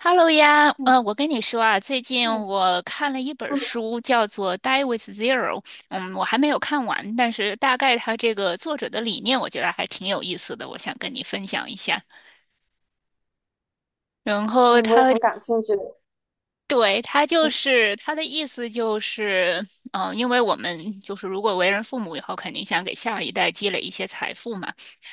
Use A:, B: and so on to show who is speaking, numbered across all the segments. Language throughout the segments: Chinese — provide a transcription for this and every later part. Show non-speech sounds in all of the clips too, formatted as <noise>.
A: Hello 呀，
B: 嗯，
A: 我跟你说啊，最近
B: 对，
A: 我看了一本
B: 嗯
A: 书，叫做《Die with Zero》，我还没有看完，但是大概它这个作者的理念，我觉得还挺有意思的，我想跟你分享一下。然后
B: 嗯，我也很感兴趣。
A: 对，
B: 嗯，
A: 他的意思就是，因为我们就是如果为人父母以后，肯定想给下一代积累一些财富嘛。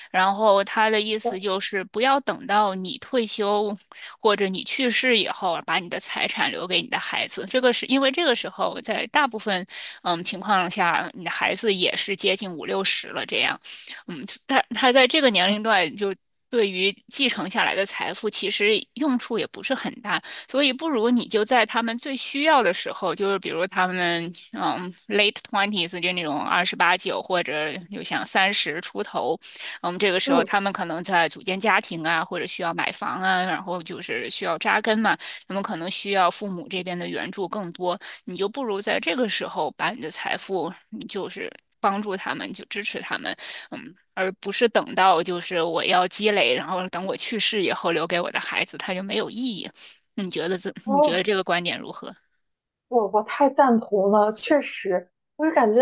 A: 然后他的意思
B: 对，
A: 就是，不要等到你退休或者你去世以后，把你的财产留给你的孩子。这个是因为这个时候，在大部分情况下，你的孩子也是接近五六十了这样。他在这个年龄段就。对于继承下来的财富，其实用处也不是很大。所以不如你就在他们最需要的时候，就是比如他们late twenties 就那种二十八九或者就像三十出头，这个时候
B: 嗯，
A: 他们可能在组建家庭啊，或者需要买房啊，然后就是需要扎根嘛，他们可能需要父母这边的援助更多，你就不如在这个时候把你的财富就是。帮助他们，就支持他们，嗯，而不是等到就是我要积累，然后等我去世以后留给我的孩子，他就没有意义。你觉得这 <laughs> 你觉得
B: 哦。
A: 这个观点如何？
B: 我太赞同了，确实，我就感觉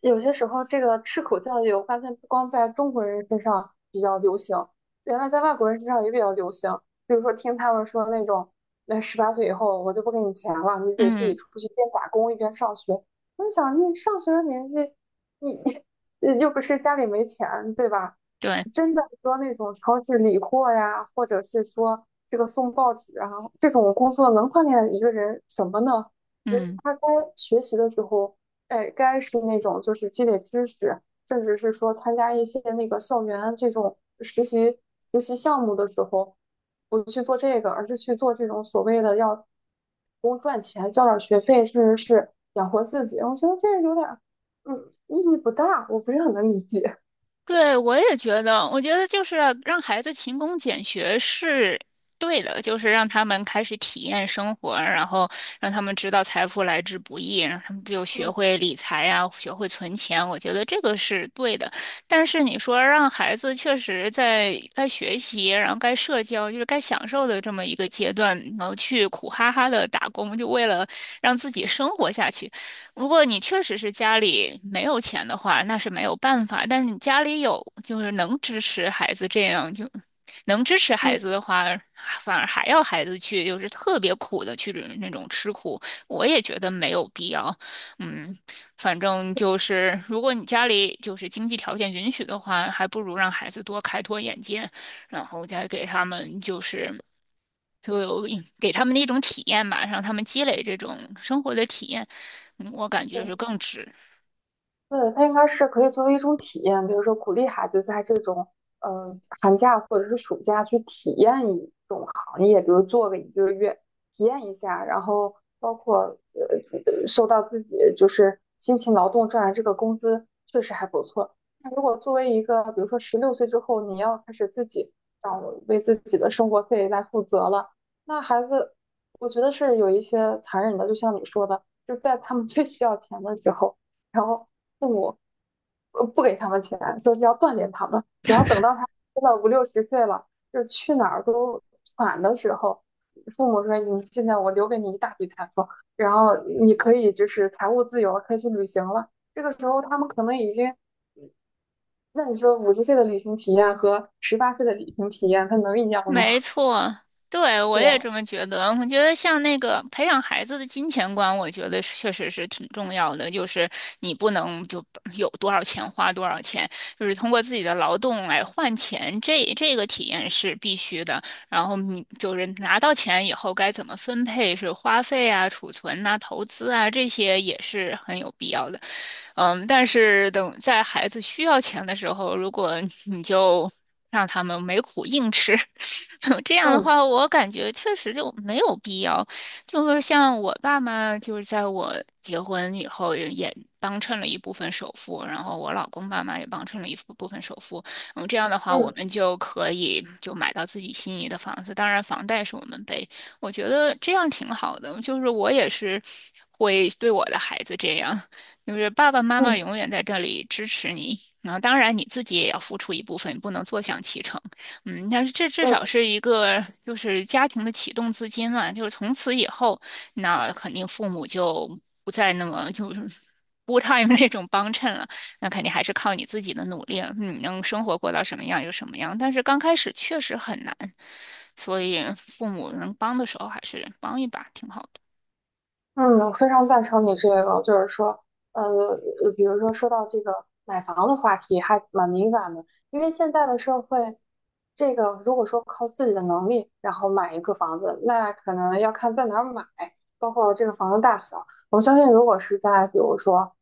B: 有些时候这个吃苦教育，我发现不光在中国人身上比较流行，原来在外国人身上也比较流行。比如说听他们说那种，那十八岁以后我就不给你钱了，你得自己
A: 嗯，
B: 出去边打工一边上学。我就想，你上学的年纪，你 <laughs> 又不是家里没钱，对吧？
A: 对，
B: 真的说那种超市理货呀，或者是说这个送报纸啊，这种工作能锻炼一个人什么呢？觉得
A: 嗯。
B: 他该学习的时候，哎，该是那种就是积累知识，甚至是说参加一些那个校园这种实习项目的时候，不去做这个，而是去做这种所谓的要工赚钱，交点学费，甚至是养活自己。我觉得这有点儿，意义不大，我不是很能理解。
A: 对，我也觉得，我觉得就是让孩子勤工俭学是对的，就是让他们开始体验生活，然后让他们知道财富来之不易，让他们就学
B: 嗯
A: 会理财呀，学会存钱。我觉得这个是对的。但是你说让孩子确实在该学习，然后该社交，就是该享受的这么一个阶段，然后去苦哈哈的打工，就为了让自己生活下去。如果你确实是家里没有钱的话，那是没有办法。但是你家里有，就是能支持孩子这样，就能支持孩
B: 嗯，
A: 子的话，反而还要孩子去，就是特别苦的去那种吃苦，我也觉得没有必要。嗯，反正就是，如果你家里就是经济条件允许的话，还不如让孩子多开拓眼界，然后再给他们就是。就有一给他们的一种体验吧，让他们积累这种生活的体验，我感觉是
B: 对。
A: 更值。
B: 对，它应该是可以作为一种体验，比如说鼓励孩子在这种呃寒假或者是暑假去体验一种行业，比如做个一个月，体验一下，然后包括受到自己就是辛勤劳动赚来这个工资确实还不错。那如果作为一个比如说16岁之后你要开始自己掌为自己的生活费来负责了，那孩子我觉得是有一些残忍的，就像你说的，就在他们最需要钱的时候。然后父母不给他们钱，说是要锻炼他们。然后等到他真的五六十岁了，就是去哪儿都喘的时候，父母说：“你现在我留给你一大笔财富，然后你可以就是财务自由了，可以去旅行了。”这个时候他们可能已经，那你说50岁的旅行体验和十八岁的旅行体验，它能一样吗？
A: 没错，对，我
B: 对
A: 也
B: 吧？
A: 这么觉得。我觉得像那个培养孩子的金钱观，我觉得是确实是挺重要的。就是你不能就有多少钱花多少钱，就是通过自己的劳动来换钱，这个体验是必须的。然后你就是拿到钱以后该怎么分配，是花费啊、储存呐、投资啊，这些也是很有必要的。但是等在孩子需要钱的时候，如果你就让他们没苦硬吃，<laughs> 这样的
B: 嗯，
A: 话，我感觉确实就没有必要。就是像我爸妈，就是在我结婚以后也帮衬了一部分首付，然后我老公爸妈也帮衬了一部分首付。这样的话，我
B: 嗯，
A: 们就可以就买到自己心仪的房子。当然，房贷是我们背，我觉得这样挺好的。就是我也是会对我的孩子这样，就是爸爸妈妈永
B: 嗯，
A: 远在这里支持你。然后，当然你自己也要付出一部分，不能坐享其成。但是这至
B: 嗯，
A: 少是一个就是家庭的启动资金嘛，就是从此以后，那肯定父母就不再那么就是 f u time <laughs> 那种帮衬了，那肯定还是靠你自己的努力了，你能生活过到什么样就什么样。但是刚开始确实很难，所以父母能帮的时候还是帮一把挺好的。
B: 嗯，我非常赞成你这个，就是说，比如说说到这个买房的话题，还蛮敏感的，因为现在的社会，这个如果说靠自己的能力，然后买一个房子，那可能要看在哪儿买，包括这个房子大小。我相信，如果是在比如说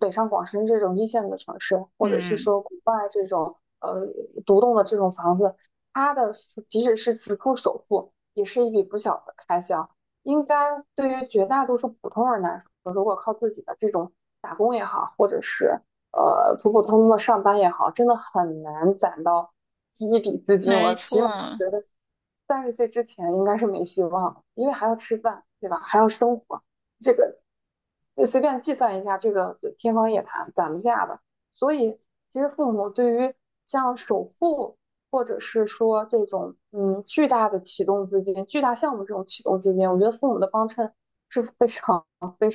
B: 北上广深这种一线的城市，或者是
A: 嗯，
B: 说国外这种独栋的这种房子，它的即使是只付首付，也是一笔不小的开销。应该对于绝大多数普通人来说，如果靠自己的这种打工也好，或者是普普通通的上班也好，真的很难攒到第一笔资金。
A: 没
B: 我起码
A: 错，
B: 30岁之前应该是没希望，因为还要吃饭，对吧？还要生活，这个随便计算一下，这个天方夜谭，攒不下的。所以，其实父母对于像首付，或者是说这种巨大的启动资金、巨大项目这种启动资金，我觉得父母的帮衬是非常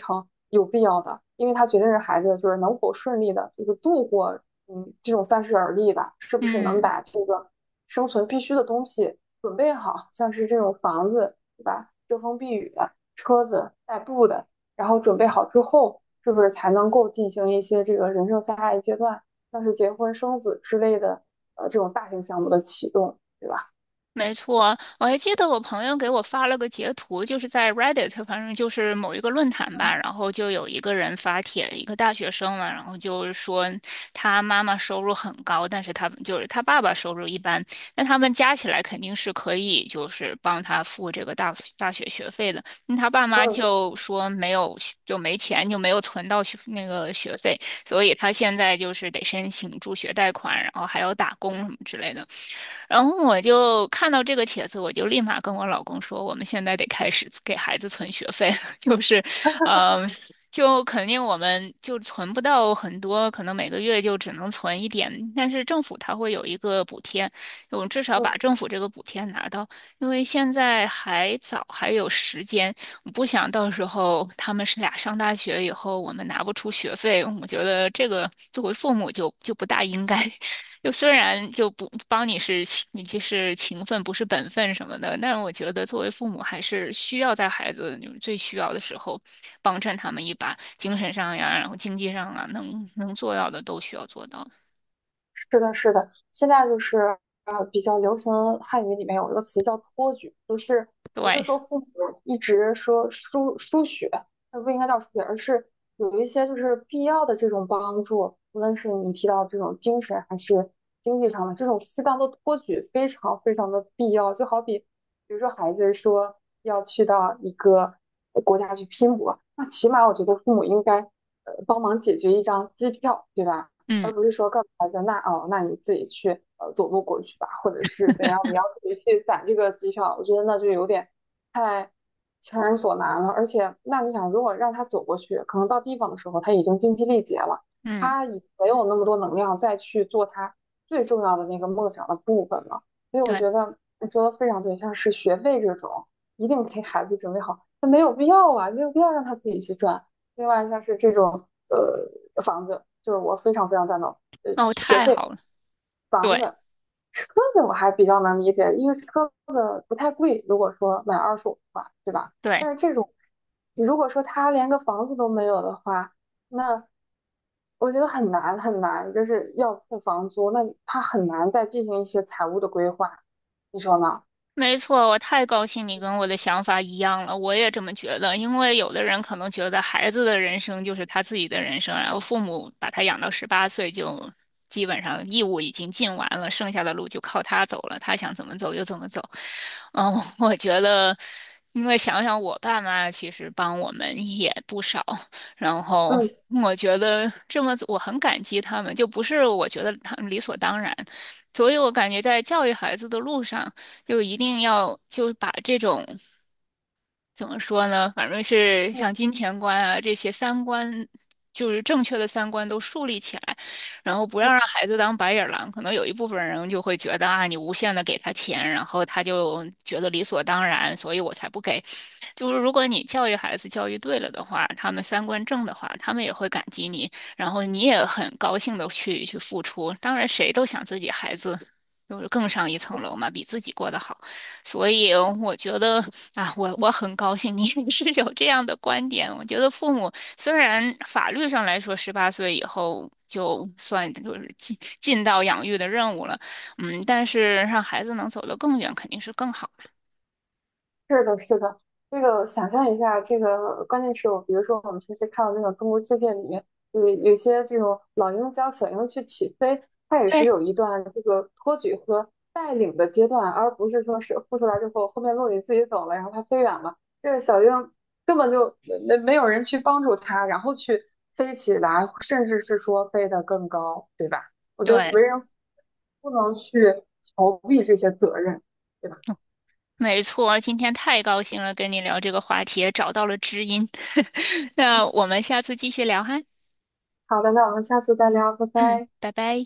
B: 啊，有必要的，因为它决定着孩子就是能否顺利的，就是度过这种三十而立吧，是不是能
A: 嗯。
B: 把这个生存必须的东西准备好，像是这种房子，对吧？遮风避雨的，车子代步的，然后准备好之后，是不是才能够进行一些这个人生下一阶段，像是结婚生子之类的，这种大型项目的启动，对吧？
A: 没错，我还记得我朋友给我发了个截图，就是在 Reddit，反正就是某一个论坛吧，然后就有一个人发帖，一个大学生嘛，然后就是说他妈妈收入很高，但是他就是他爸爸收入一般，那他们加起来肯定是可以就是帮他付这个大学学费的。那他爸妈
B: 嗯，
A: 就说没有就没钱，就没有存到学那个学费，所以他现在就是得申请助学贷款，然后还要打工什么之类的。然后我就看到这个帖子，我就立马跟我老公说，我们现在得开始给孩子存学费了，<laughs> 就是，嗯、就肯定我们就存不到很多，可能每个月就只能存一点，但是政府它会有一个补贴，我们至少把
B: 嗯，
A: 政府这个补贴拿到，因为现在还早，还有时间，我不想到时候他们是俩上大学以后，我们拿不出学费，我觉得这个作为父母就不大应该。就虽然就不帮你是你就是情分不是本分什么的，但是我觉得作为父母还是需要在孩子就是最需要的时候帮衬他们一把，精神上呀，然后经济上啊，能做到的都需要做到。
B: 是的，是的，现在就是比较流行汉语里面有一个词叫托举，就是不是
A: 对，
B: 说父母一直说输血，那不应该叫输血，而是有一些就是必要的这种帮助，无论是你提到这种精神还是经济上的这种适当的托举，非常非常的必要。就好比比如说孩子说要去到一个国家去拼搏，那起码我觉得父母应该帮忙解决一张机票，对吧？
A: 嗯
B: 而不是说告诉孩子，那哦，那你自己去走路过去吧，或者是怎样，你要自己去攒这个机票，我觉得那就有点太强人所难了。而且，那你想，如果让他走过去，可能到地方的时候他已经精疲力竭了，
A: 嗯，
B: 他已没有那么多能量再去做他最重要的那个梦想的部分了。所以我
A: 对，
B: 觉得你说的非常对，像是学费这种，一定给孩子准备好，那没有必要啊，没有必要让他自己去赚。另外像是这种房子，就是我非常非常赞同。
A: 哦，
B: 学
A: 太
B: 费、
A: 好了，
B: 房
A: 对
B: 子、车子我还比较能理解，因为车子不太贵，如果说买二手的话，对吧？
A: 对。
B: 但是这种如果说他连个房子都没有的话，那我觉得很难很难，就是要付房租，那他很难再进行一些财务的规划，你说呢？
A: 没错，我太高兴你跟我的想法一样了，我也这么觉得。因为有的人可能觉得孩子的人生就是他自己的人生，然后父母把他养到十八岁就基本上义务已经尽完了，剩下的路就靠他走了，他想怎么走就怎么走。嗯，<laughs> 我觉得，因为想想我爸妈其实帮我们也不少，然后
B: 嗯，
A: 我觉得这么我很感激他们，就不是我觉得他们理所当然。所以我感觉在教育孩子的路上，就一定要就把这种怎么说呢，反正是像金钱观啊这些三观，就是正确的三观都树立起来，然后不要让孩子当白眼狼。可能有一部分人就会觉得啊，你无限的给他钱，然后他就觉得理所当然，所以我才不给。就是如果你教育孩子教育对了的话，他们三观正的话，他们也会感激你，然后你也很高兴的去付出。当然，谁都想自己孩子就是更上一层楼嘛，比自己过得好。所以我觉得啊，我我很高兴你也是有这样的观点。我觉得父母虽然法律上来说，十八岁以后就算就是尽到养育的任务了，但是让孩子能走得更远，肯定是更好嘛。
B: 是的，是的，这个想象一下，这个关键是我，比如说我们平时看到那个《中国世界》里面，有些这种老鹰教小鹰去起飞，它也是
A: 对，
B: 有一段这个托举和带领的阶段，而不是说是孵出来之后，后面落你自己走了，然后它飞远了，这个小鹰根本就没有人去帮助它，然后去飞起来，甚至是说飞得更高，对吧？我觉得
A: 对，
B: 为人父不能去逃避这些责任，对吧？
A: 嗯没错。今天太高兴了，跟你聊这个话题，也找到了知音。<laughs> 那我们下次继续聊哈。
B: 好的，那我们下次再聊，拜
A: 嗯，
B: 拜。
A: 拜拜。